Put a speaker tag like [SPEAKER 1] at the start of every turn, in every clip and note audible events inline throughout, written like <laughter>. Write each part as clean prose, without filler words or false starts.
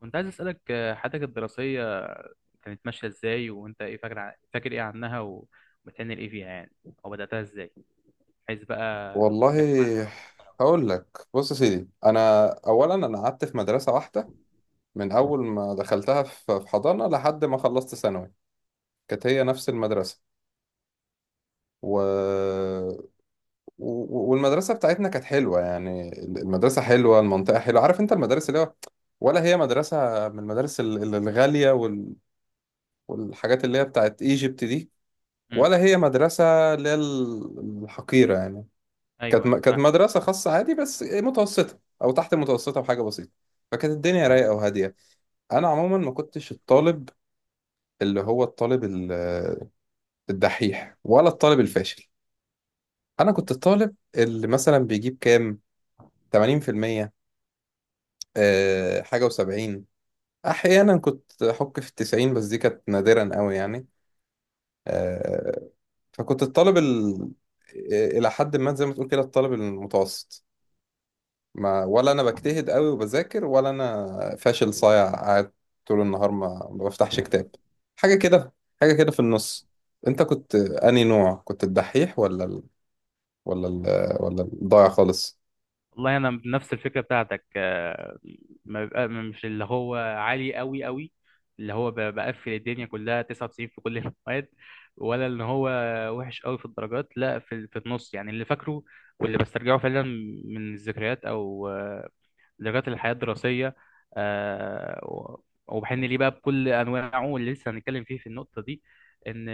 [SPEAKER 1] كنت عايز أسألك حياتك الدراسية كانت ماشية إزاي وأنت إيه فاكر إيه عنها وبتعمل إيه فيها يعني، أو بدأتها إزاي؟ عايز بقى
[SPEAKER 2] والله
[SPEAKER 1] جامعة.
[SPEAKER 2] هقول لك بص يا سيدي. انا اولا، قعدت في مدرسه واحده من اول ما دخلتها في حضانه لحد ما خلصت ثانوي. كانت هي نفس المدرسه. و... والمدرسه بتاعتنا كانت حلوه، يعني المدرسه حلوه، المنطقه حلوه. عارف انت المدارس اللي هو، ولا هي مدرسه من المدارس الغاليه والحاجات اللي هي بتاعت ايجيبت دي،
[SPEAKER 1] أمم،
[SPEAKER 2] ولا هي مدرسه اللي هي الحقيره يعني؟ كانت
[SPEAKER 1] أيوه،
[SPEAKER 2] م-
[SPEAKER 1] أيوه،
[SPEAKER 2] كانت
[SPEAKER 1] فاهم.
[SPEAKER 2] مدرسة خاصة عادي، بس متوسطة أو تحت المتوسطة بحاجة بسيطة. فكانت الدنيا رايقة وهادية. أنا عموما ما كنتش الطالب، اللي هو الطالب الدحيح ولا الطالب الفاشل. أنا كنت الطالب اللي مثلا بيجيب كام، 80%، حاجة و70. أحيانا كنت أحك في الـ90، بس دي كانت نادرا قوي يعني. آه، فكنت الطالب إلى حد ما، زي ما تقول كده، الطالب المتوسط. ما ولا انا بجتهد قوي وبذاكر، ولا انا فاشل صايع قاعد طول النهار ما بفتحش كتاب. حاجه كده، حاجه كده في النص. انت كنت انهي نوع؟ كنت الدحيح ولا ال... ولا الضايع خالص؟
[SPEAKER 1] والله انا بنفس الفكره بتاعتك. ما بيبقى مش اللي هو عالي قوي قوي، اللي هو بقفل الدنيا كلها 99 في كل <laughs> المواد، ولا ان هو وحش قوي في الدرجات، لا، في النص، يعني اللي فاكره واللي بسترجعه فعلا من الذكريات او لغايه الحياه الدراسيه، وبحن ليه بقى بكل انواعه، واللي لسه هنتكلم فيه في النقطه دي، ان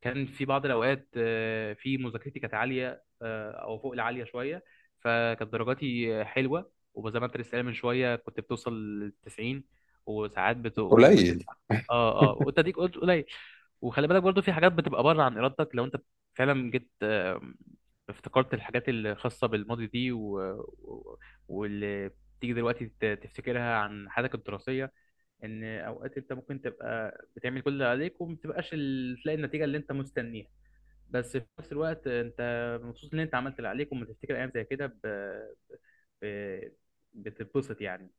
[SPEAKER 1] كان في بعض الاوقات في مذاكرتي كانت عاليه، او فوق العاليه شويه، فكانت درجاتي حلوه، وزي ما انت لسه قايل من شويه كنت بتوصل لل 90، وساعات بت...
[SPEAKER 2] قليل
[SPEAKER 1] وبتدفع. اه، اه،
[SPEAKER 2] <laughs>
[SPEAKER 1] وانت ديك قلت قليل. وخلي بالك برضو في حاجات بتبقى بره عن ارادتك. لو انت فعلا جيت افتكرت الحاجات الخاصه بالماضي دي، واللي بتيجي دلوقتي تفتكرها عن حياتك الدراسية، إن أوقات أنت ممكن تبقى بتعمل كل اللي عليك، وما بتبقاش تلاقي النتيجة اللي أنت مستنيها، بس في نفس الوقت أنت مبسوط إن أنت عملت اللي عليك. وما تفتكر أيام زي كده ب... بتتبسط يعني.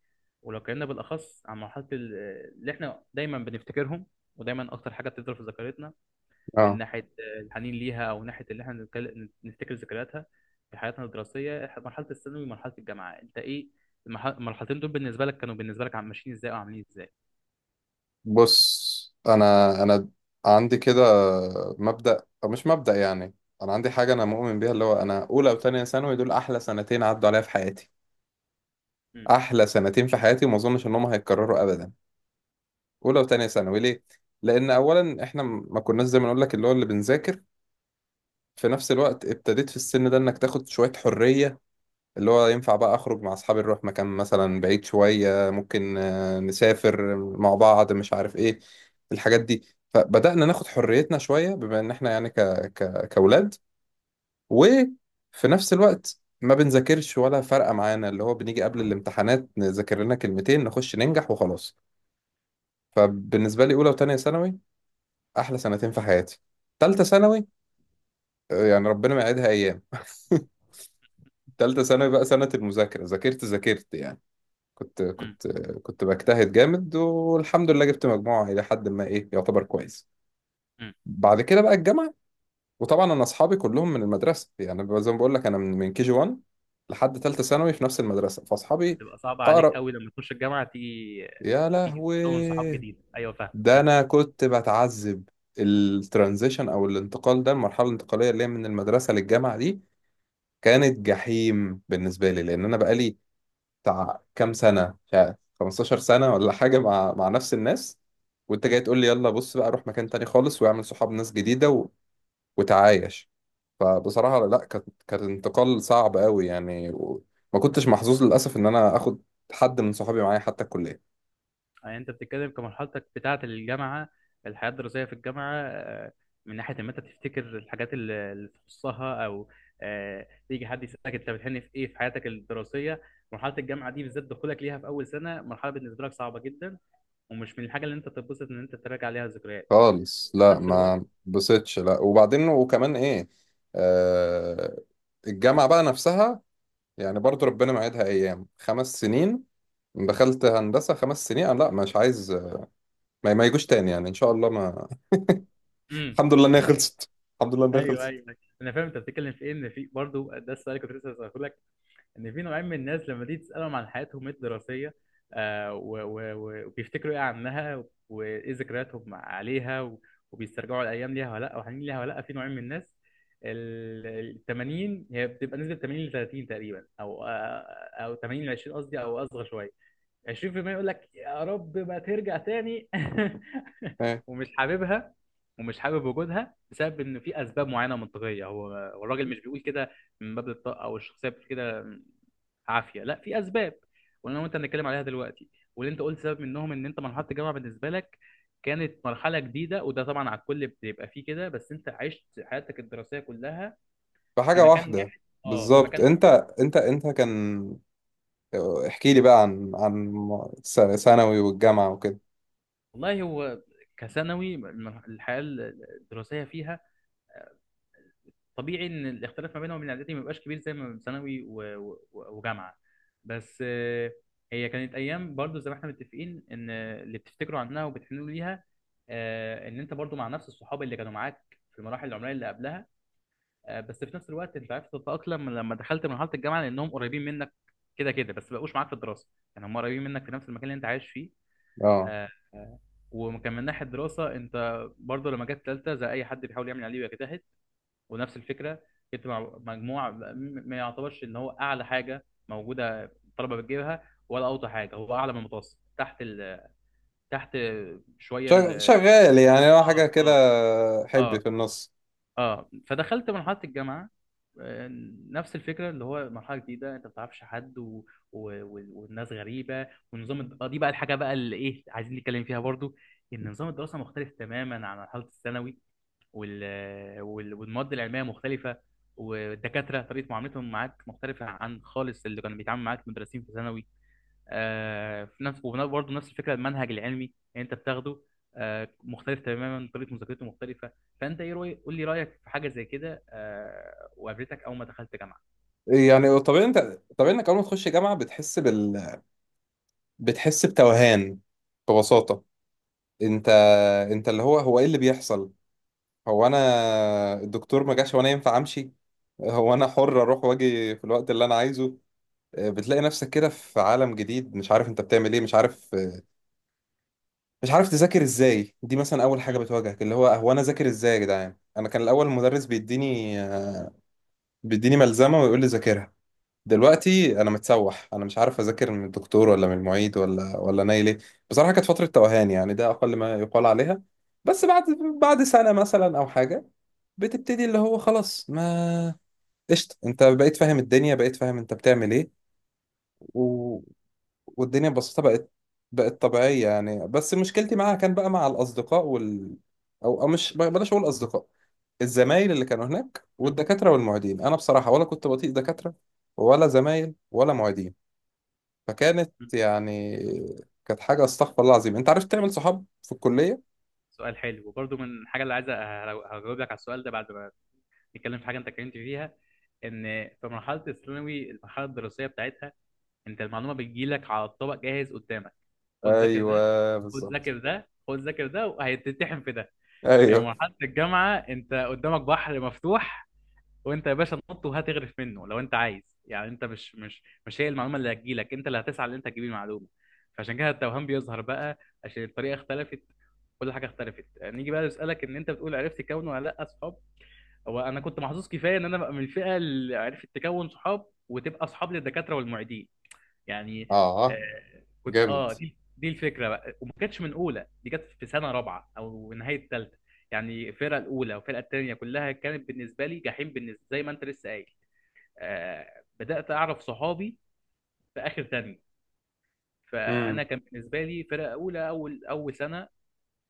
[SPEAKER 1] ولو اتكلمنا بالأخص عن اللي إحنا دايما بنفتكرهم، ودايما أكتر حاجة بتفضل في ذاكرتنا من
[SPEAKER 2] اه،
[SPEAKER 1] ناحيه الحنين ليها، او ناحيه اللي احنا نفتكر ذكرياتها في حياتنا الدراسيه، مرحله الثانوي ومرحله الجامعه، انت ايه المرحلتين دول بالنسبه لك، كانوا بالنسبه لك ماشيين ازاي وعاملين ازاي؟
[SPEAKER 2] بص، انا عندي كده مبدأ، او مش مبدأ يعني، انا عندي حاجه انا مؤمن بيها، اللي هو، انا اولى وتانية ثانوي دول احلى سنتين عدوا عليا في حياتي.
[SPEAKER 1] امم.
[SPEAKER 2] احلى سنتين في حياتي، وما اظنش انهم هيتكرروا ابدا. اولى وتانية ثانوي ليه؟ لان اولا احنا ما كناش زي ما نقول لك اللي هو اللي بنذاكر. في نفس الوقت ابتديت في السن ده انك تاخد شوية حرية، اللي هو ينفع بقى اخرج مع اصحابي، نروح مكان مثلا بعيد شوية، ممكن نسافر مع بعض، مش عارف ايه الحاجات دي. فبدأنا ناخد حريتنا شوية، بما ان احنا يعني كأولاد. وفي نفس الوقت ما بنذاكرش ولا فارقة معانا، اللي هو بنيجي قبل الامتحانات نذاكر لنا كلمتين نخش ننجح وخلاص. فبالنسبة لي أولى وتانية ثانوي احلى سنتين في حياتي. تالتة ثانوي، يعني ربنا ما يعيدها ايام <laughs> تالتة ثانوي بقى سنة المذاكرة، ذاكرت ذاكرت يعني، كنت
[SPEAKER 1] امم.
[SPEAKER 2] كنت كنت بجتهد جامد. والحمد لله جبت مجموعة الى حد ما ايه، يعتبر كويس.
[SPEAKER 1] امم.
[SPEAKER 2] بعد كده بقى الجامعة. وطبعا انا اصحابي كلهم من المدرسة، يعني بقى زي ما بقول لك انا من كي جي 1 لحد تالتة ثانوي في نفس المدرسة، فاصحابي
[SPEAKER 1] بتبقى صعبه عليك
[SPEAKER 2] اقرب.
[SPEAKER 1] قوي لما تخش الجامعه، تيجي
[SPEAKER 2] يا
[SPEAKER 1] تيجي تكون صحاب
[SPEAKER 2] لهوي،
[SPEAKER 1] جديد. ايوه، فاهم،
[SPEAKER 2] ده
[SPEAKER 1] كمل.
[SPEAKER 2] انا كنت بتعذب. الترانزيشن او الانتقال ده، المرحله الانتقاليه اللي هي من المدرسه للجامعه دي، كانت جحيم بالنسبة لي. لأن أنا بقالي بتاع كام سنة، مش عارف 15 سنة ولا حاجة، مع نفس الناس، وأنت جاي تقول لي يلا بص بقى، روح مكان تاني خالص واعمل صحاب ناس جديدة وتعايش. فبصراحة لا، كانت انتقال صعب قوي يعني. وما كنتش محظوظ للأسف إن أنا آخد حد من صحابي معايا حتى الكلية.
[SPEAKER 1] يعني انت بتتكلم كمرحلتك بتاعة الجامعة، الحياة الدراسية في الجامعة، من ناحية ان انت تفتكر الحاجات اللي تخصها، او يجي حد يسألك انت بتحن في ايه في حياتك الدراسية، مرحلة الجامعة دي بالذات، دخولك ليها في اول سنة، مرحلة بالنسبة لك صعبة جدا ومش من الحاجة اللي انت تتبسط ان انت تراجع ليها ذكريات
[SPEAKER 2] خالص
[SPEAKER 1] في
[SPEAKER 2] لا،
[SPEAKER 1] نفس الوقت.
[SPEAKER 2] ما بصيتش لا. وبعدين وكمان إيه آه الجامعة بقى نفسها، يعني برضو ربنا معيدها أيام، 5 سنين. دخلت هندسة 5 سنين، أنا لا مش عايز. ما يجوش تاني يعني، إن شاء الله ما.
[SPEAKER 1] امم.
[SPEAKER 2] الحمد لله إن هي خلصت، الحمد لله إن هي
[SPEAKER 1] ايوه، ايوه،
[SPEAKER 2] خلصت.
[SPEAKER 1] ايوه. انا فاهم انت بتتكلم في ايه، ان في برضه ده السؤال اللي كنت لسه هسأله لك، ان في نوعين من الناس لما تيجي تسالهم عن حياتهم الدراسيه، وبيفتكروا ايه عنها وايه ذكرياتهم عليها، وبيسترجعوا الايام ليها ولا لا، وحنين ليها ولا لا. في نوعين من الناس، 80 هي بتبقى نسبه 80 ل 30 تقريبا، او او 80 ل 20 قصدي، او اصغر شويه، 20% يقول لك يا رب ما ترجع تاني <laughs>
[SPEAKER 2] إيه؟
[SPEAKER 1] ومش حاببها ومش حابب وجودها بسبب ان في اسباب معينه منطقيه. هو الراجل مش بيقول كده من باب الطاقه او الشخصيه بتقول كده عافيه، لا، في اسباب، وانا وانت هنتكلم عليها دلوقتي. واللي انت قلت سبب منهم، ان انت مرحله الجامعه بالنسبه لك كانت مرحله جديده، وده طبعا على الكل بيبقى فيه كده، بس انت عشت حياتك الدراسيه كلها في
[SPEAKER 2] فحاجة
[SPEAKER 1] مكان
[SPEAKER 2] واحدة،
[SPEAKER 1] واحد. اه، في
[SPEAKER 2] بالظبط.
[SPEAKER 1] مكان واحد.
[SPEAKER 2] أنت كان، احكي لي بقى عن عن ثانوي والجامعة وكده.
[SPEAKER 1] والله هو كثانوي، الحياه الدراسيه فيها طبيعي ان الاختلاف ما بينهم وبين اعدادي ما بيبقاش كبير زي ما بين ثانوي و- و- وجامعه، بس هي كانت ايام برضو زي ما احنا متفقين ان اللي بتفتكروا عنها وبتحنوا ليها، ان انت برضو مع نفس الصحاب اللي كانوا معاك في المراحل العمريه اللي قبلها، بس في نفس الوقت انت عرفت تتاقلم لما دخلت مرحله الجامعه لانهم قريبين منك كده كده، بس ما بقوش معاك في الدراسه، يعني هم قريبين منك في نفس المكان اللي انت عايش فيه.
[SPEAKER 2] أه،
[SPEAKER 1] آه، آه، وكان من ناحيه الدراسه انت برضو لما جت ثالثه زي اي حد بيحاول يعمل عليه ويجتهد، ونفس الفكره، جبت مع مجموع ما يعتبرش ان هو اعلى حاجه موجوده الطلبه بتجيبها، ولا اوطى حاجه، هو اعلى من المتوسط، تحت شويه
[SPEAKER 2] شغال يعني، هو حاجة
[SPEAKER 1] اه،
[SPEAKER 2] كده،
[SPEAKER 1] اه،
[SPEAKER 2] حب
[SPEAKER 1] اه،
[SPEAKER 2] في النص.
[SPEAKER 1] اه. فدخلت مرحله الجامعه، آه، نفس الفكره اللي هو مرحله جديده، انت ما بتعرفش حد، و... و... و- والناس غريبه، والنظام الد- آه، دي بقى الحاجه بقى اللي ايه عايزين نتكلم فيها برضو، ان نظام الدراسه مختلف تماما عن مرحله الثانوي، وال... وال... والمواد العلميه مختلفه، والدكاتره طريقه معاملتهم معاك مختلفه عن خالص اللي كانوا بيتعاملوا معاك المدرسين في ثانوي، في نفس، وبرضه نفس الفكره، المنهج العلمي اللي انت بتاخده مختلف تماما، طريقه مذاكرته مختلفه. فانت ايه قول لي رايك في حاجه زي كده، وقابلتك اول ما دخلت جامعه؟
[SPEAKER 2] يعني طبيعي، أنت طبيعي إنك أول ما تخش جامعة بتحس بال، بتحس بتوهان، ببساطة. أنت أنت اللي هو إيه اللي بيحصل؟ هو انا الدكتور ما جاش وانا ينفع امشي؟ هو انا حر اروح واجي في الوقت اللي انا عايزه؟ بتلاقي نفسك كده في عالم جديد، مش عارف انت بتعمل ايه، مش عارف، مش عارف تذاكر ازاي. دي مثلا اول حاجه
[SPEAKER 1] مم.
[SPEAKER 2] بتواجهك، اللي هو هو انا ذاكر ازاي يا جدعان؟ انا كان الاول المدرس بيديني ملزمه ويقول لي ذاكرها. دلوقتي انا متسوح، انا مش عارف اذاكر من الدكتور ولا من المعيد ولا نايل ايه. بصراحه كانت فتره توهان يعني، ده اقل ما يقال عليها. بس بعد، سنه مثلا او حاجه، بتبتدي اللي هو خلاص، ما، قشطة، انت بقيت فاهم الدنيا، بقيت فاهم انت بتعمل ايه. و... والدنيا ببساطة بقت طبيعية يعني. بس مشكلتي معاها كان بقى مع الأصدقاء وال، أو مش بلاش أقول أصدقاء، الزمايل اللي كانوا هناك
[SPEAKER 1] مم.
[SPEAKER 2] والدكاترة والمعيدين. أنا بصراحة ولا كنت بطيق دكاترة ولا زمايل ولا معيدين. فكانت
[SPEAKER 1] مم.
[SPEAKER 2] يعني، كانت حاجة استغفر الله العظيم. أنت عرفت تعمل صحاب في الكلية؟
[SPEAKER 1] سؤال حلو وبرضه من الحاجه اللي عايز. هجاوب لك على السؤال ده بعد ما نتكلم في حاجه انت اتكلمت فيها، ان في مرحله الثانوي المرحله الدراسيه بتاعتها انت المعلومه بتجيلك على الطبق جاهز قدامك، خد ذاكر ده،
[SPEAKER 2] ايوه
[SPEAKER 1] خد
[SPEAKER 2] بالظبط.
[SPEAKER 1] ذاكر ده، خد ذاكر ده وهيتتحم في ده. يعني
[SPEAKER 2] ايوه.
[SPEAKER 1] مرحله الجامعه انت قدامك بحر مفتوح، وانت يا باشا نط وهتغرف منه لو انت عايز. يعني انت مش هي المعلومه اللي هتجيلك، انت اللي هتسعى ان انت تجيب المعلومه. فعشان كده التوهان بيظهر بقى، عشان الطريقه اختلفت، كل حاجه اختلفت. نيجي بقى نسالك ان انت بتقول عرفت تكون ولا لا اصحاب. هو انا كنت محظوظ كفايه ان انا بقى من الفئه اللي عرفت تكون صحاب وتبقى اصحاب للدكاتره والمعيدين يعني.
[SPEAKER 2] اه
[SPEAKER 1] كنت
[SPEAKER 2] جامد.
[SPEAKER 1] اه، دي الفكره بقى، وما كانتش من اولى، دي كانت في سنه رابعه او نهايه ثالثه، يعني الفرقه الاولى والفرقه الثانيه كلها كانت بالنسبه لي جحيم، بالنسبه زي ما انت لسه قايل. بدات اعرف صحابي في اخر ثانيه. فانا
[SPEAKER 2] امم.
[SPEAKER 1] كان بالنسبه لي فرقه اولى، اول سنه،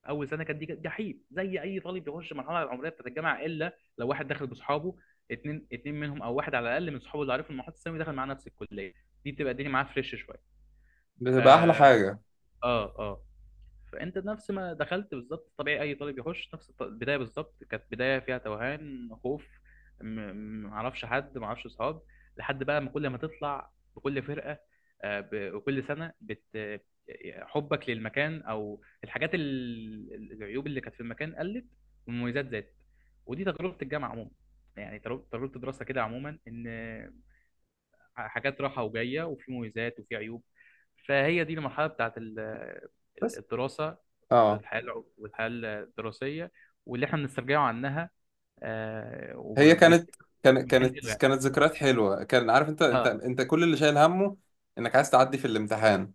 [SPEAKER 1] اول سنه كانت دي كانت جحيم زي اي طالب بيخش المرحله العمريه بتاعت الجامعه، الا لو واحد دخل باصحابه، اتنين منهم او واحد على الاقل من صحابه اللي عارفهم من محيط الثانوي دخل معاه نفس الكليه، دي بتبقى الدنيا معاه فريش شويه.
[SPEAKER 2] بتبقى احلى
[SPEAKER 1] اه،
[SPEAKER 2] حاجه.
[SPEAKER 1] اه، آه. فانت نفس ما دخلت بالظبط، طبيعي اي طالب يخش نفس البدايه. بالظبط كانت بدايه فيها توهان، خوف، معرفش حد، معرفش اصحاب، لحد بقى ما كل ما تطلع بكل فرقه، آه، ب- وكل سنه بت حبك للمكان، او الحاجات العيوب اللي كانت في المكان قلت والمميزات زادت. ودي تجربه الجامعه عموما، يعني تجربة الدراسه كده عموما، ان حاجات رايحه وجايه، وفي مميزات وفي عيوب. فهي دي المرحله بتاعت
[SPEAKER 2] بس
[SPEAKER 1] الدراسه،
[SPEAKER 2] اه
[SPEAKER 1] الحياة الع- والحياة الدراسية، واللي احنا بنسترجعه عنها،
[SPEAKER 2] هي كانت
[SPEAKER 1] وبنفتكر،
[SPEAKER 2] كانت
[SPEAKER 1] بنحن له
[SPEAKER 2] كانت
[SPEAKER 1] يعني.
[SPEAKER 2] كانت ذكريات حلوه. كان عارف
[SPEAKER 1] اه،
[SPEAKER 2] انت كل اللي شايل همه انك عايز تعدي في الامتحان.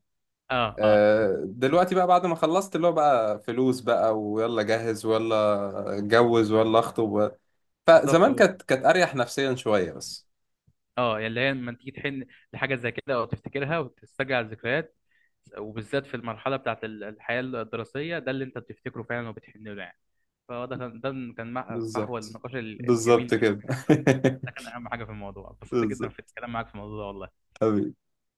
[SPEAKER 1] اه، اه،
[SPEAKER 2] دلوقتي بقى بعد ما خلصت، اللي هو بقى فلوس بقى، ويلا جهز، ويلا اتجوز، ويلا اخطب.
[SPEAKER 1] بالظبط.
[SPEAKER 2] فزمان كانت اريح نفسيا شويه بس.
[SPEAKER 1] يعني اللي هي لما تيجي تحن لحاجة زي كده او تفتكرها وتسترجع الذكريات، وبالذات في المرحلة بتاعت الحياة الدراسية، ده اللي انت بتفتكره فعلا وبتحن له يعني. فده كان فحوى
[SPEAKER 2] بالظبط،
[SPEAKER 1] النقاش الجميل
[SPEAKER 2] بالظبط
[SPEAKER 1] بيني
[SPEAKER 2] كده
[SPEAKER 1] وبينك.
[SPEAKER 2] <laughs>
[SPEAKER 1] ده كان اهم حاجة في الموضوع. اتبسطت جدا في
[SPEAKER 2] بالظبط
[SPEAKER 1] الكلام معاك في الموضوع ده والله.
[SPEAKER 2] حبيبي.